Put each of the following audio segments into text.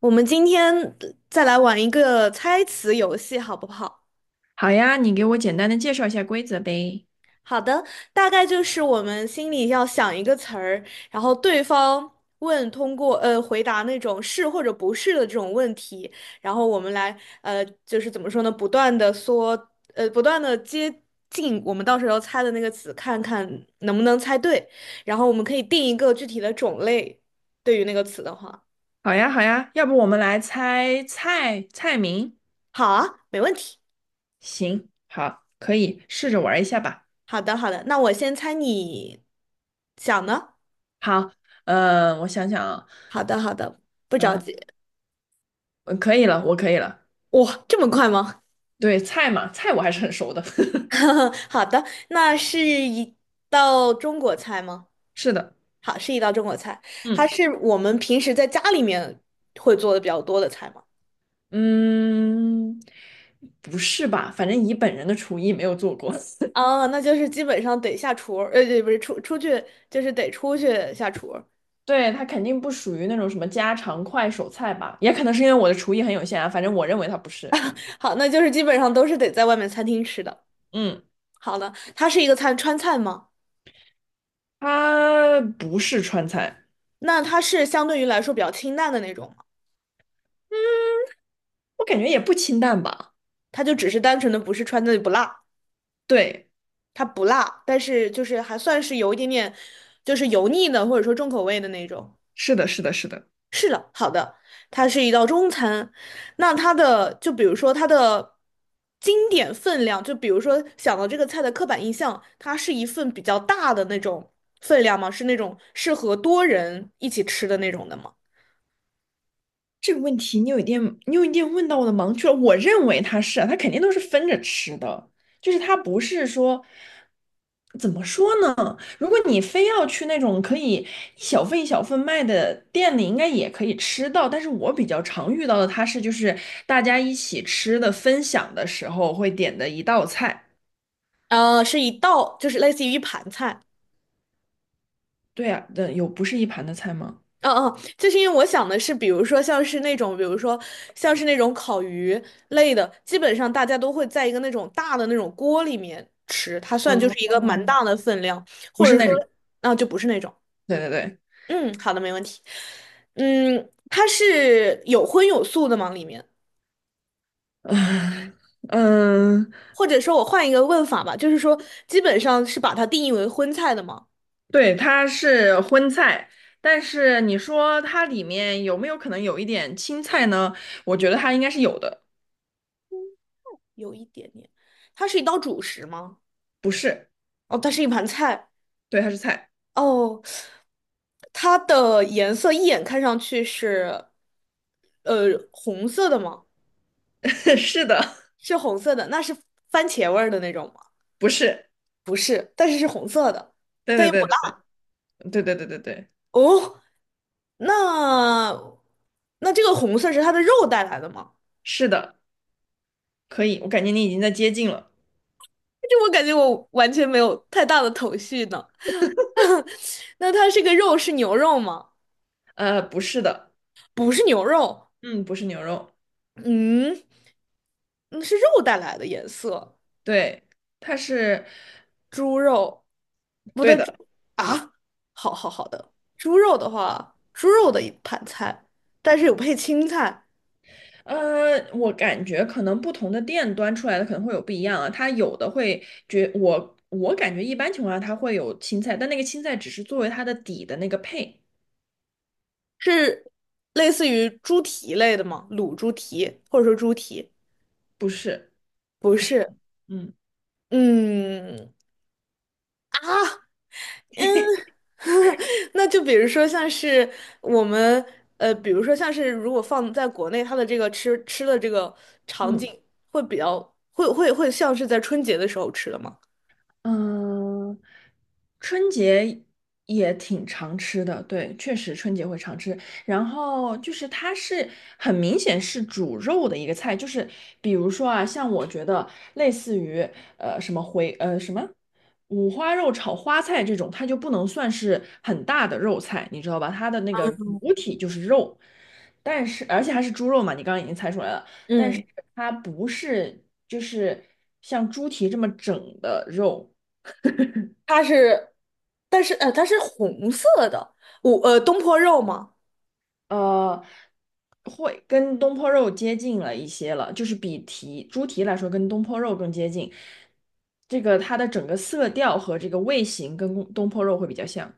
我们今天再来玩一个猜词游戏，好不好？好呀，你给我简单的介绍一下规则呗。好的，大概就是我们心里要想一个词儿，然后对方问，通过回答那种是或者不是的这种问题，然后我们来就是怎么说呢，不断的说，不断的接近我们到时候猜的那个词，看看能不能猜对，然后我们可以定一个具体的种类，对于那个词的话，好呀，好呀，要不我们来猜菜菜名？好啊，没问题。行，好，可以试着玩一下吧。好的，好的，那我先猜你想呢？好，我想想啊，好的，好的，不着呃，急。可以了，我可以了。哇，这么快吗？对，菜嘛，菜我还是很熟的。好的，那是一道中国菜吗？是的，好，是一道中国菜，它嗯是我们平时在家里面会做的比较多的菜吗？嗯，不是吧？反正以本人的厨艺没有做过。啊，那就是基本上得下厨对，不是出去，就是得出去下厨。对，它肯定不属于那种什么家常快手菜吧？也可能是因为我的厨艺很有限啊，反正我认为它不是。好，那就是基本上都是得在外面餐厅吃的。嗯。好的，它是一个川菜吗？它不是川菜，那它是相对于来说比较清淡的那种吗？嗯，我感觉也不清淡吧。它就只是单纯的不是川菜不辣，对，它不辣，但是就是还算是有一点点，就是油腻的或者说重口味的那种。是的，是的，是的。是的，好的，它是一道中餐。那就比如说它的经典分量，就比如说想到这个菜的刻板印象，它是一份比较大的那种分量吗？是那种适合多人一起吃的那种的吗？这个问题你有一点问到我的盲区了。我认为它是啊，它肯定都是分着吃的，就是它不是说怎么说呢？如果你非要去那种可以一小份一小份卖的店里，应该也可以吃到。但是我比较常遇到的，它是就是大家一起吃的分享的时候会点的一道菜。是一道，就是类似于一盘菜。对啊，的有不是一盘的菜吗？嗯嗯，就是因为我想的是，比如说像是那种烤鱼类的，基本上大家都会在一个那种大的那种锅里面吃，它算就是一个蛮大的分量，不或是者那说，种，就不是那种。对对对，嗯，好的，没问题。嗯，它是有荤有素的吗？里面，嗯嗯，或者说我换一个问法吧，就是说，基本上是把它定义为荤菜的吗？对，它是荤菜，但是你说它里面有没有可能有一点青菜呢？我觉得它应该是有的，有一点点，它是一道主食吗？不是，哦，它是一盘菜。对，它是菜，哦，它的颜色一眼看上去是，红色的吗？是的，是红色的，那是番茄味儿的那种吗？不是，但是是红色的。对对对对对对对对对，哦，那那这个红色是它的肉带来的吗？是的，可以，我感觉你已经在接近了，这我感觉我完全没有太大的头绪呢。那它这个肉是牛肉吗？不是的，不是牛肉，嗯，不是牛肉，嗯，嗯是肉带来的颜色。对，它是猪肉，不对对，猪的。啊。好好好的，猪肉的话，猪肉的一盘菜，但是有配青菜，我感觉可能不同的店端出来的可能会有不一样啊，它有的会觉我我感觉一般情况下它会有青菜，但那个青菜只是作为它的底的那个配，是类似于猪蹄类的吗？卤猪蹄或者说猪蹄，不是不不是，是，嗯嗯啊。那就比如说像是我们比如说像是如果放在国内，它的这个吃的这个场景嗯。会比较会像是在春节的时候吃的吗？嗯，春节也挺常吃的，对，确实春节会常吃。然后就是它是很明显是煮肉的一个菜，就是比如说啊，像我觉得类似于呃什么回呃什么五花肉炒花菜这种，它就不能算是很大的肉菜，你知道吧？它的那个主体就是肉，但是而且还是猪肉嘛，你刚刚已经猜出来了。但是嗯。它不是就是像猪蹄这么整的肉，它是，但是它是红色的，我东坡肉吗？呃，会跟东坡肉接近了一些了，就是比猪蹄来说，跟东坡肉更接近。这个它的整个色调和这个味型跟东坡肉会比较像。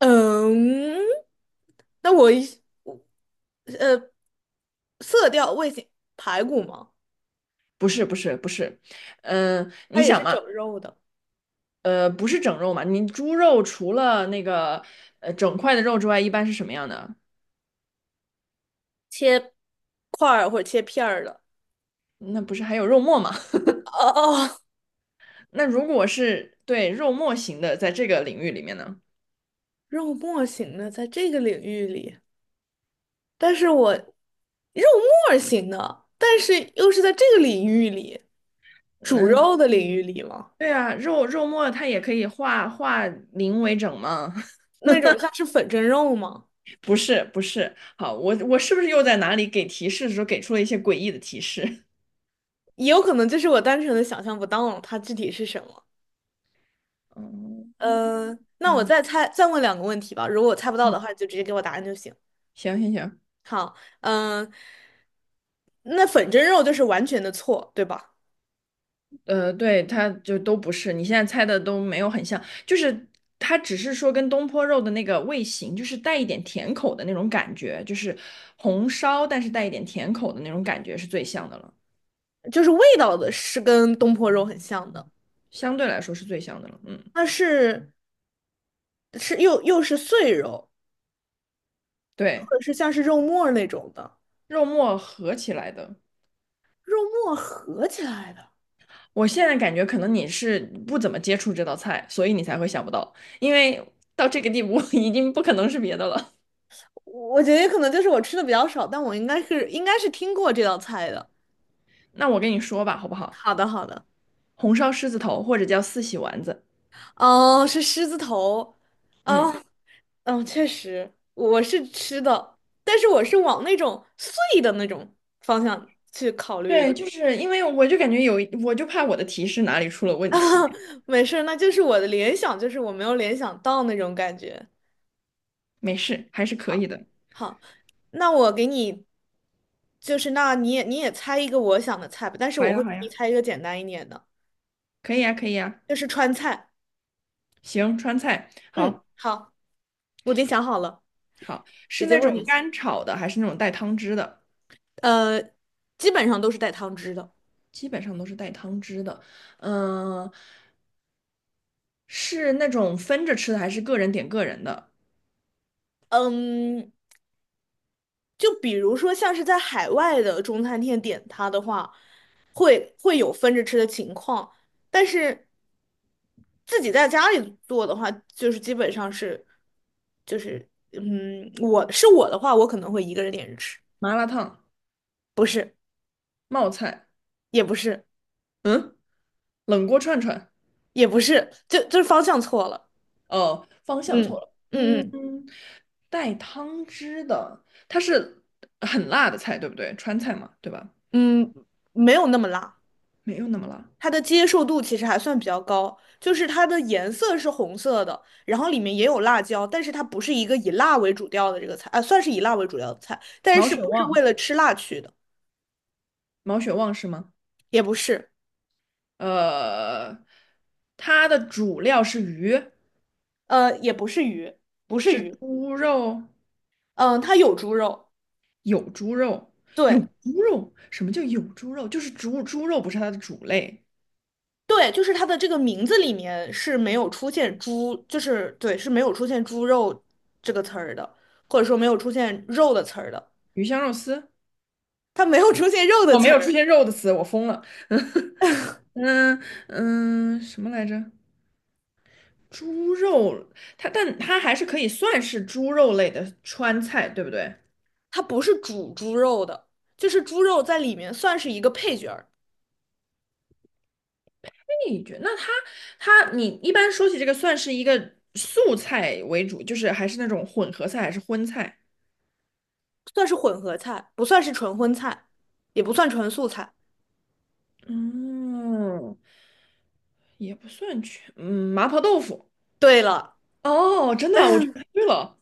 嗯，那我呃色调味型排骨吗？不是不是不是，嗯、它你也想是嘛，整肉的，不是整肉嘛，你猪肉除了那个整块的肉之外，一般是什么样的？切块儿或者切片儿的。那不是还有肉末吗？哦哦，那如果是对肉末型的，在这个领域里面呢，肉末型的，在这个领域里，但是我肉末型的，但是又是在这个领域里，煮嗯，肉的领域里吗？对啊，肉末它也可以化零为整嘛。那种像是粉蒸肉吗？不是不是，好，我是不是又在哪里给提示的时候给出了一些诡异的提示？也有可能就是我单纯的想象不到它具体是什么。嗯那我嗯再猜，再问两个问题吧。如果我猜不到嗯，的话，就直接给我答案就行。行行行，好，嗯、那粉蒸肉就是完全的错，对吧？对，它就都不是，你现在猜的都没有很像，就是它只是说跟东坡肉的那个味型，就是带一点甜口的那种感觉，就是红烧但是带一点甜口的那种感觉是最像的了，就是味道的是跟东坡肉很像的，相对来说是最像的了。嗯，它又是碎肉，或对，者是像是肉末儿那种的，肉末合起来的，肉末合起来的。我现在感觉可能你是不怎么接触这道菜，所以你才会想不到，因为到这个地步 已经不可能是别的了。我觉得可能就是我吃的比较少，但我应该是听过这道菜的。那我跟你说吧，好不好？好的，好的。红烧狮子头或者叫四喜丸子，哦，是狮子头，嗯，哦，嗯，确实，我是吃的，但是我是往那种碎的那种方向去考虑对，的。就是因为我就感觉我就怕我的提示哪里出了问题，没事儿，那就是我的联想，就是我没有联想到那种感觉。没事，还是可以好，的。好，那我给你，就是那你也猜一个我想的菜吧，但是好我呀，会给好你呀，猜一个简单一点的，可以呀，可以呀。就是川菜。行，川菜，嗯，好，好，我已经想好了，好，是直接那问种就行。干炒的，还是那种带汤汁的？呃，基本上都是带汤汁的。基本上都是带汤汁的。嗯、是那种分着吃的，还是个人点个人的？嗯，就比如说像是在海外的中餐厅点它的话，会有分着吃的情况，但是自己在家里做的话，就是基本上是，就是我的话，我可能会一个人点着吃，麻辣烫、不是，冒菜、也不是，冷锅串串。也不是，就是方向错了，哦，方向错嗯了。嗯，嗯带汤汁的，它是很辣的菜，对不对？川菜嘛，对吧？嗯嗯，没有那么辣。没有那么辣。它的接受度其实还算比较高，就是它的颜色是红色的，然后里面也有辣椒，但是它不是一个以辣为主调的这个菜，啊，算是以辣为主调的菜，但毛是血不是为旺，了吃辣去的，毛血旺是吗？也不是，呃，它的主料是鱼，也不是鱼，不是是鱼，猪肉，嗯、它有猪肉，有猪肉，有对猪肉。什么叫有猪肉？就是猪肉不是它的主类。对，就是它的这个名字里面是没有出现猪，就是对，是没有出现猪肉这个词儿的，或者说没有出现肉的词儿的，鱼香肉丝，它没有出现肉的哦，没词有出儿。现肉的词，我疯了。那嗯，什么来着？猪肉，它但它还是可以算是猪肉类的川菜，对不对？它不是煮猪肉的，就是猪肉在里面算是一个配角儿，那觉那它它你一般说起这个，算是一个素菜为主，就是还是那种混合菜还是荤菜？算是混合菜，不算是纯荤菜，也不算纯素菜。嗯，也不算全，嗯，麻婆豆腐。对了，哦，真的，我觉得对了，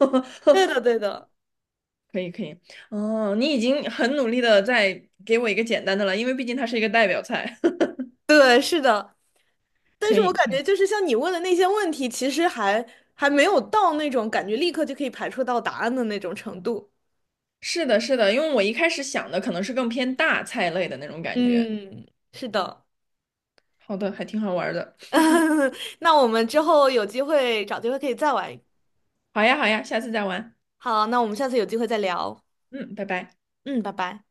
对的，对的，可以可以。哦，你已经很努力的在给我一个简单的了，因为毕竟它是一个代表菜，对，是的。但可是我以感可觉以。就是像你问的那些问题，其实还没有到那种感觉立刻就可以排除到答案的那种程度。是的，是的，因为我一开始想的可能是更偏大菜类的那种感觉。嗯，是的。好的，还挺好玩的。那我们之后有机会找机会可以再玩。好呀，好呀，下次再玩。好，那我们下次有机会再聊。嗯，拜拜。嗯，拜拜。